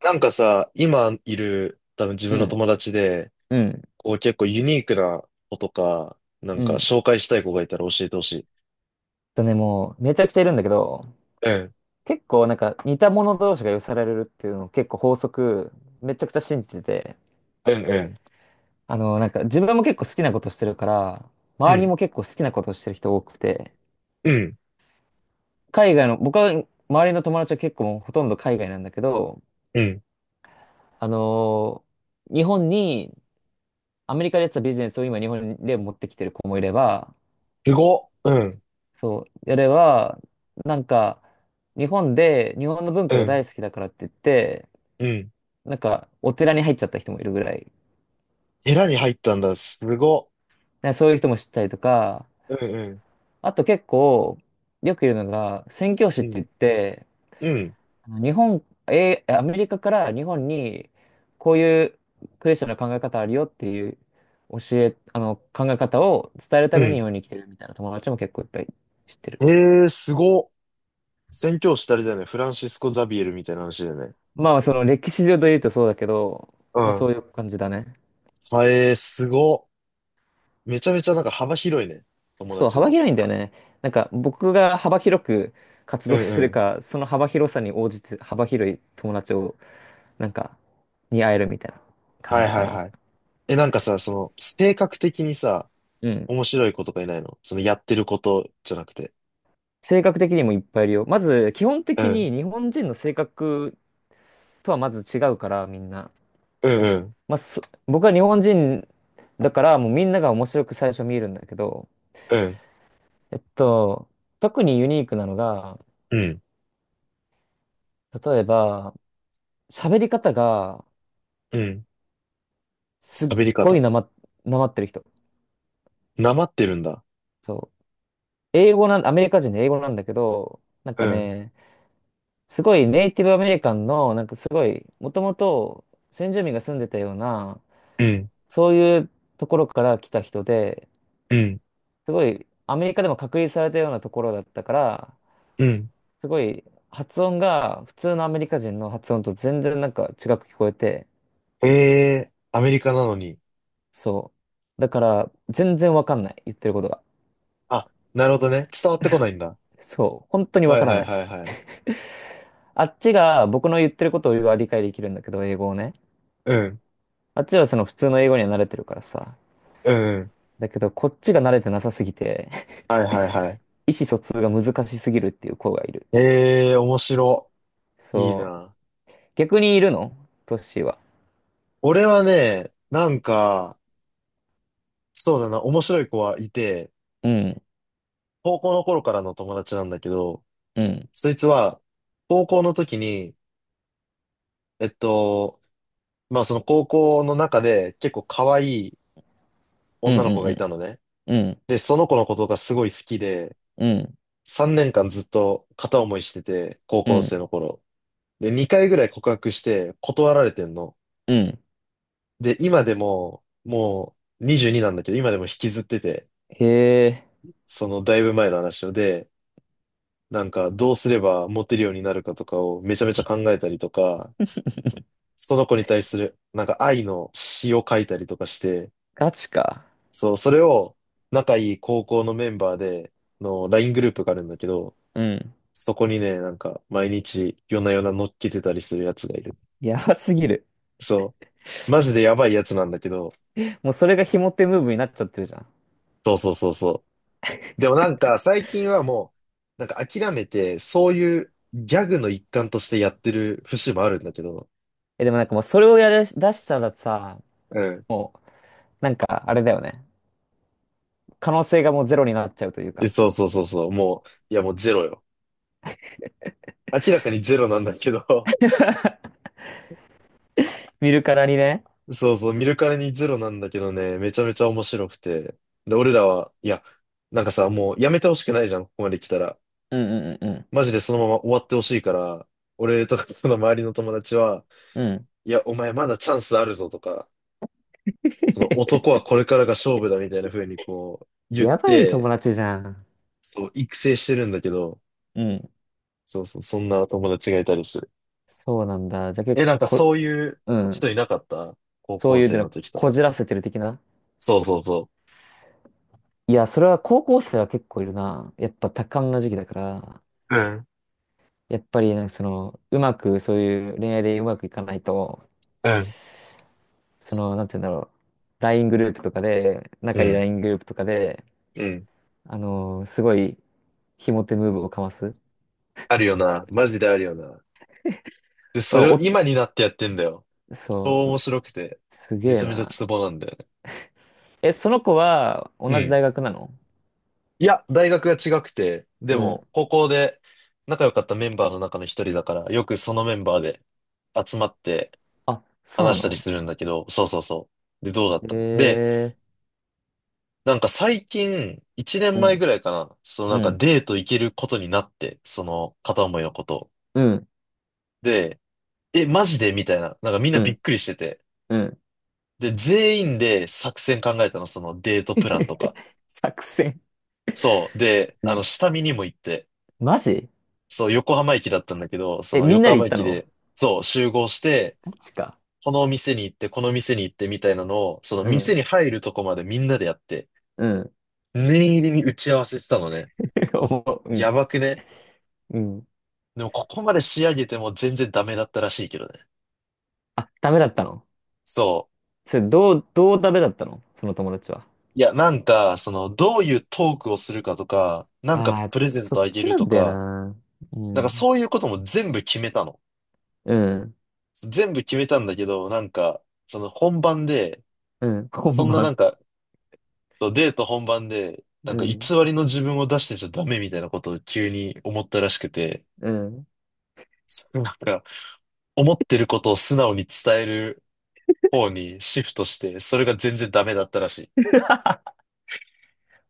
なんかさ、今いる多分自う分のん、友達で、うん、こう結構ユニークな子とか、なんうかん。紹介したい子がいたら教えてほしい。とね、もう、めちゃくちゃいるんだけど、うん、結構なんか似た者同士が寄せられるっていうのを結構法則、めちゃくちゃ信じてて、うん、うん、なんか自分も結構好きなことしてるから、う周りん、も結構好きなことしてる人多くて、うん、海外の、僕は周りの友達は結構もうほとんど海外なんだけど、うん。あのー日本に、アメリカでやってたビジネスを今日本で持ってきてる子もいれば、すごっ。うん、そう、やれば、なんか、日本で、日本の文う化がん、大好きだからって言って、うん。なんか、お寺に入っちゃった人もいるぐらい。ヘラに入ったんだ。すごっ。ねそういう人も知ったりとか、うん、あと結構、よくいるのが、宣教師うってん、言って、うん、うん、日本、アメリカから日本に、こういうクリスチャンの考え方あるよっていう教え、考え方を伝えるたうめに日ん。本に来てるみたいな友達も結構いっぱい知ってる。えー、すごっ。宣教師たりだよね。フランシスコ・ザビエルみたいな話だよね。まあ、その歴史上で言うとそうだけど、うまあそん。ういう感じだね。あえー、すごっ。めちゃめちゃなんか幅広いね。友そう、達幅の。広いんだよね。なんか僕が幅広く活う動ん、しうてるん。から、その幅広さに応じて幅広い友達を、なんか、に会えるみたいな感はいじはかいな。はい。え、なんかさ、その、性格的にさ、うん。面白い子とかいないの？その、やってることじゃなくて。性格的にもいっぱいいるよ。まず、基本う的ん。に日本人の性格とはまず違うから、みんな。うん、うん、まあ、僕は日本人だから、もうみんなが面白く最初見えるんだけど、うん、えっと、特にユニークなのが、うん、例えば、喋り方がうん。すっ喋りごい方。なまってる人。なまってるんだ。そう英語なん、アメリカ人で英語なんだけど、なんうかん、ね、すごいネイティブアメリカンの、なんかすごい、もともと先住民が住んでたような、うん、そういうところから来た人で、うん、すごい、アメリカでも隔離されたようなところだったから、うん。すごい、発音が普通のアメリカ人の発音と全然なんか違く聞こえて、ええー、アメリカなのに。そう。だから、全然わかんない、言ってることが。あ、なるほどね。伝わってこないんだ。そう、本当にはわいからはないい。はいはい。あっちが僕の言ってることを理解できるんだけど、英語をね。うん、あっちはその普通の英語には慣れてるからさ。うん、うん。だけど、こっちが慣れてなさすぎて はいはいはい。意思疎通が難しすぎるっていう子がいる。ええー、面白。いいそう。な。逆にいるの？トッシーは？俺はね、なんか、そうだな、面白い子はいて、うん、高校の頃からの友達なんだけど、うん、そいつは、高校の時に、えっと、まあその高校の中で結構可愛いうん、う女の子がいん、たのね。うん、うん、で、その子のことがすごい好きで、うん、3年間ずっと片思いしてて、高う校生ん。の頃。で、2回ぐらい告白して断られてんの。うんで、今でも、もう22なんだけど、今でも引きずってて、へえ、そのだいぶ前の話をで、なんかどうすればモテるようになるかとかをめちゃめちゃ考えたりとか、その子に対する、なんか愛の詩を書いたりとかして、ガチか。そう、それを仲いい高校のメンバーでの LINE グループがあるんだけど、うん。そこにね、なんか毎日夜な夜な乗っけてたりするやつがいる。やばすぎる。そう、マジでやばいやつなんだけど、もうそれがモテムーブになっちゃってるじゃん。そうそうそうそう。でもなんか最近はもう、なんか諦めて、そういうギャグの一環としてやってる節もあるんだけど、え、でもなんかもうそれをやらし出したらさ、うん。もう、なんかあれだよね。可能性がもうゼロになっちゃうというえか。そうそうそうそう、もう、いやもうゼロよ。明らかにゼロなんだけど、見るからにね。そうそう、見るからにゼロなんだけどね、めちゃめちゃ面白くて。で、俺らは、いや、なんかさ、もうやめてほしくないじゃん、ここまで来たら。うん、うん、うん、マジでそのまま終わってほしいから、俺とかその周りの友達は、うん。うん いや、お前まだチャンスあるぞとか、その 男はこれからが勝負だみたいな風にこう言っやばい友て、達じゃん。そう、育成してるんだけど、うん。そうそう、そんな友達がいたりする。そうなんだ。じゃあ結え、なん構かそういううん。人いなかった？高そう校いう生の、の時とこか。じらせてる的な。そうそうそいや、それは高校生は結構いるな。やっぱ多感な時期だから、う。うん。やっぱりなんかその、うまく、そういう恋愛でうまくいかないと、うん。その、なんて言うんだろう。LINE グループとかで、う仲いい ん。LINE グループとかで、うん、すごい、ひも手ムーブをかます。あるよな。マジであるよな。で、まそあれをお、今になってやってんだよ。そ超面う、白くて。すめげえちゃめちゃな。ツボなんだよね。え、その子はう同じん。大学なの？いや、大学が違くて、でうも、ん。高校で仲良かったメンバーの中の一人だから、よくそのメンバーで集まってあ、そうな話したりの？するんだけど、そうそうそう。で、どうだったので、えなんか最近、一年ー、前ぐらいうかな、そのなん、んうかん、デート行けることになって、その片思いのことを。うん、で、え、マジでみたいな。なんかみんなうびっん、くりしてて。うん。で、全員で作戦考えたの、そのデートプランとか。作戦。そう。で、うあの、ん。下見にも行って、マジ？そう、横浜駅だったんだけど、そえ、のみん横なで浜行った駅の？で、そう、集合して、マジか。この店に行って、この店に行ってみたいなのを、そのう店ん、に入るとこまでみんなでやって、うん、念入りに打ち合わせしたのね。うやん、ばくね？うん。でも、ここまで仕上げても全然ダメだったらしいけどね。あ、ダメだったの？そう。それ、どうダメだったの？その友達は。いや、なんか、その、どういうトークをするかとか、なんかああ、プレゼンそトっあげちるなとんだよか、な。うなんかん。そういうことも全部決めたの。うん、全部決めたんだけど、なんか、その本番で、うん、そ今んななん晩。か、そうデート本番で、なうんか偽ん、りの自分を出してちゃダメみたいなことを急に思ったらしくて、うん。そうなんか、思ってることを素直に伝える方にシフトして、それが全然ダメだったらしい。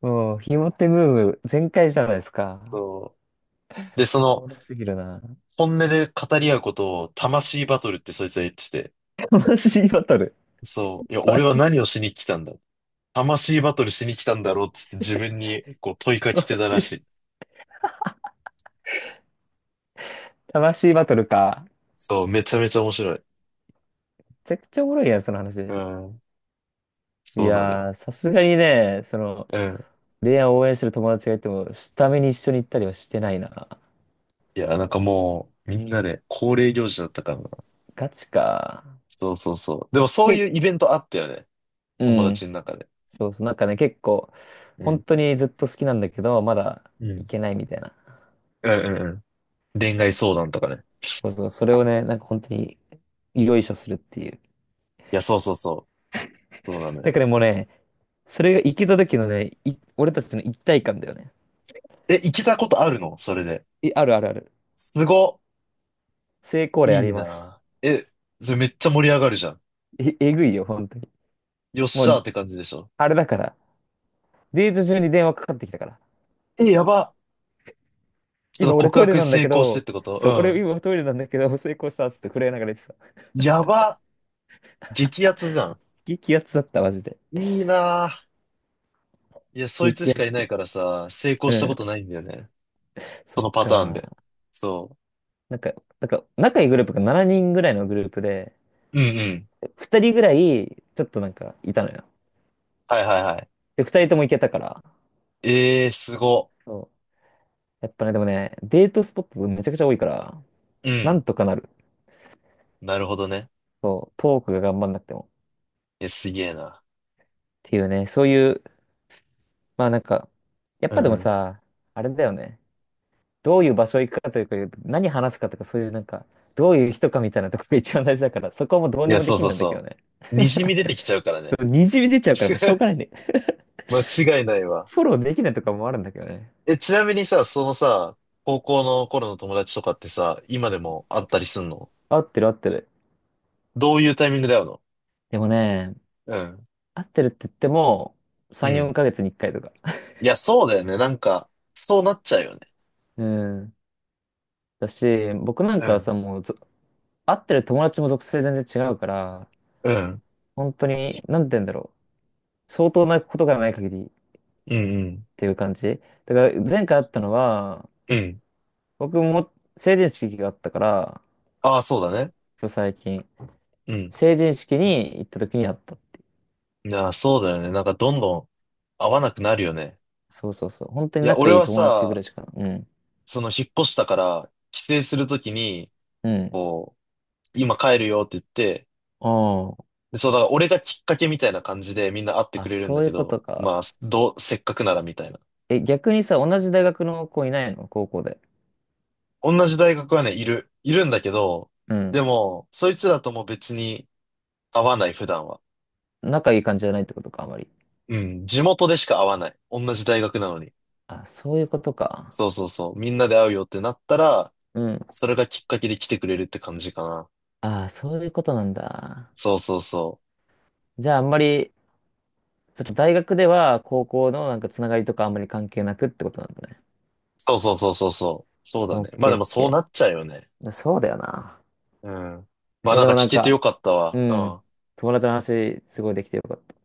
もう、ひも手ムーブ全開じゃないですか。そう。で、そおの、もろすぎるな。本音で語り合うことを魂バトルってそいつは言ってて、悲しいバトル。そう、いや、マ俺はジ、何をしに来たんだ。魂バトルしに来たんだろうっつって自分にこう問いかけマてたらしジ。い。魂バトルか。そう、めちゃめちゃ面白い。めちゃくちゃおもろいやん、そのう話。ん、いそうなのやよ。ー、さすがにね、その、うん。レアを応援してる友達がいても、下見に一緒に行ったりはしてないな。いや、なんかもう、みんなで恒例行事だったからな。ガチか。そうそうそう。でもそういけ、うイベントあったよね。う友ん。達の中で。そうそう、なんかね、結構、う本ん。当にずっと好きなんだけど、まだうん。行けないみたいな。うんうんうん。恋愛相談とかね。そうそう、それをね、なんか本当に、よいしょするっていう。いや、そうそうそう。そうなのだよ。からもうね、それが行けた時のね、俺たちの一体感だよね。え、行けたことあるの？それで。あるあるある。すご。成功例あいいります。な。え、それめっちゃ盛り上がるじゃん。え、えぐいよ、本当に。よっもしゃう、ーって感じでしょ。あれだから。デート中に電話かかってきたから。え、やば。その今俺告トイレ白なんだ成け功してっど、てこと？そう、俺う今トイレなんだけど、成功したっつって震えながら言ってた。ん。やば。激アツじゃん。激アツだった、マジで。いいな。いや、そいつ激しアかいツないで。からさ、成功うしたこん。とないんだよね。そそっのパターンで。か。そなんか、仲いいグループが7人ぐらいのグループで、う。うんうん。2人ぐらい、ちょっとなんか、いたのよ。はいはいはい。で、2人とも行けたから。ええー、すご。そう。やっぱね、でもね、デートスポットめちゃくちゃ多いから、うなんん。とかなる。なるほどね。そう、トークが頑張んなくても。いや、すげえな。っていうね、そういう、まあなんか、やっうぱでんもうん。さ、あれだよね。どういう場所行くかというか、何話すかとか、そういうなんか、どういう人かみたいなとこが一番大事だから、そこはもうどういにや、もそでうきんそうなんだけどそね。う。にじみ出てきちゃうからね。にじみ出ちゃうからもうしょう がないね。間違いないわ。フォローできないとかもあるんだけどね。え、ちなみにさ、そのさ、高校の頃の友達とかってさ、今でも会ったりすんの？合ってる合ってる。どういうタイミングで会うの？でもね、うん。合ってるって言っても、う3、ん。4ヶ月に1回とか。いや、そうだよね。なんか、そうなっちゃうよね。うん。だし、僕なんうかはん。さ、もうぞ、合ってる友達も属性全然違うから、うん。本当に、なんて言うんだろう。相当なことがない限りっうんうん。ていう感じ。だから前回会ったのは、うん。僕も成人式があったから、ああ、そうだね。そう最近。うん。成人式に行った時に会ったっていう。いや、そうだよね。なんかどんどん合わなくなるよね。そうそうそう。本当いにや、仲俺いいは友達ぐらさ、いしか。うん。その引っ越したから、帰省するときに、うん。こう、今帰るよって言って、あで、そう、だから俺がきっかけみたいな感じでみんな会ってあ。あ、くれるんだそういけうこど、とか。まあ、どう、せっかくならみたいな。え、逆にさ、同じ大学の子いないの？高校で。同じ大学はね、いる、いるんだけど、うでん。も、そいつらとも別に会わない、普段は。仲いい感じじゃないってことか、あまり。うん、地元でしか会わない。同じ大学なのに。あ、そういうことか。そうそうそう。みんなで会うよってなったら、うん。それがきっかけで来てくれるって感じかな。あ、そういうことなんだ。そうそうそう。じゃあ、あんまり、その大学では高校のなんかつながりとかあんまり関係なくってことなんだね。そうそうそうそうそう。そうだオッね。まあケでーオッもそうケなっちゃうよね。ー。そうだよな。うん。まいあや、なんでかもな聞んけてよか、かったうわ。うん。ん。友達の話、すごいできてよかった。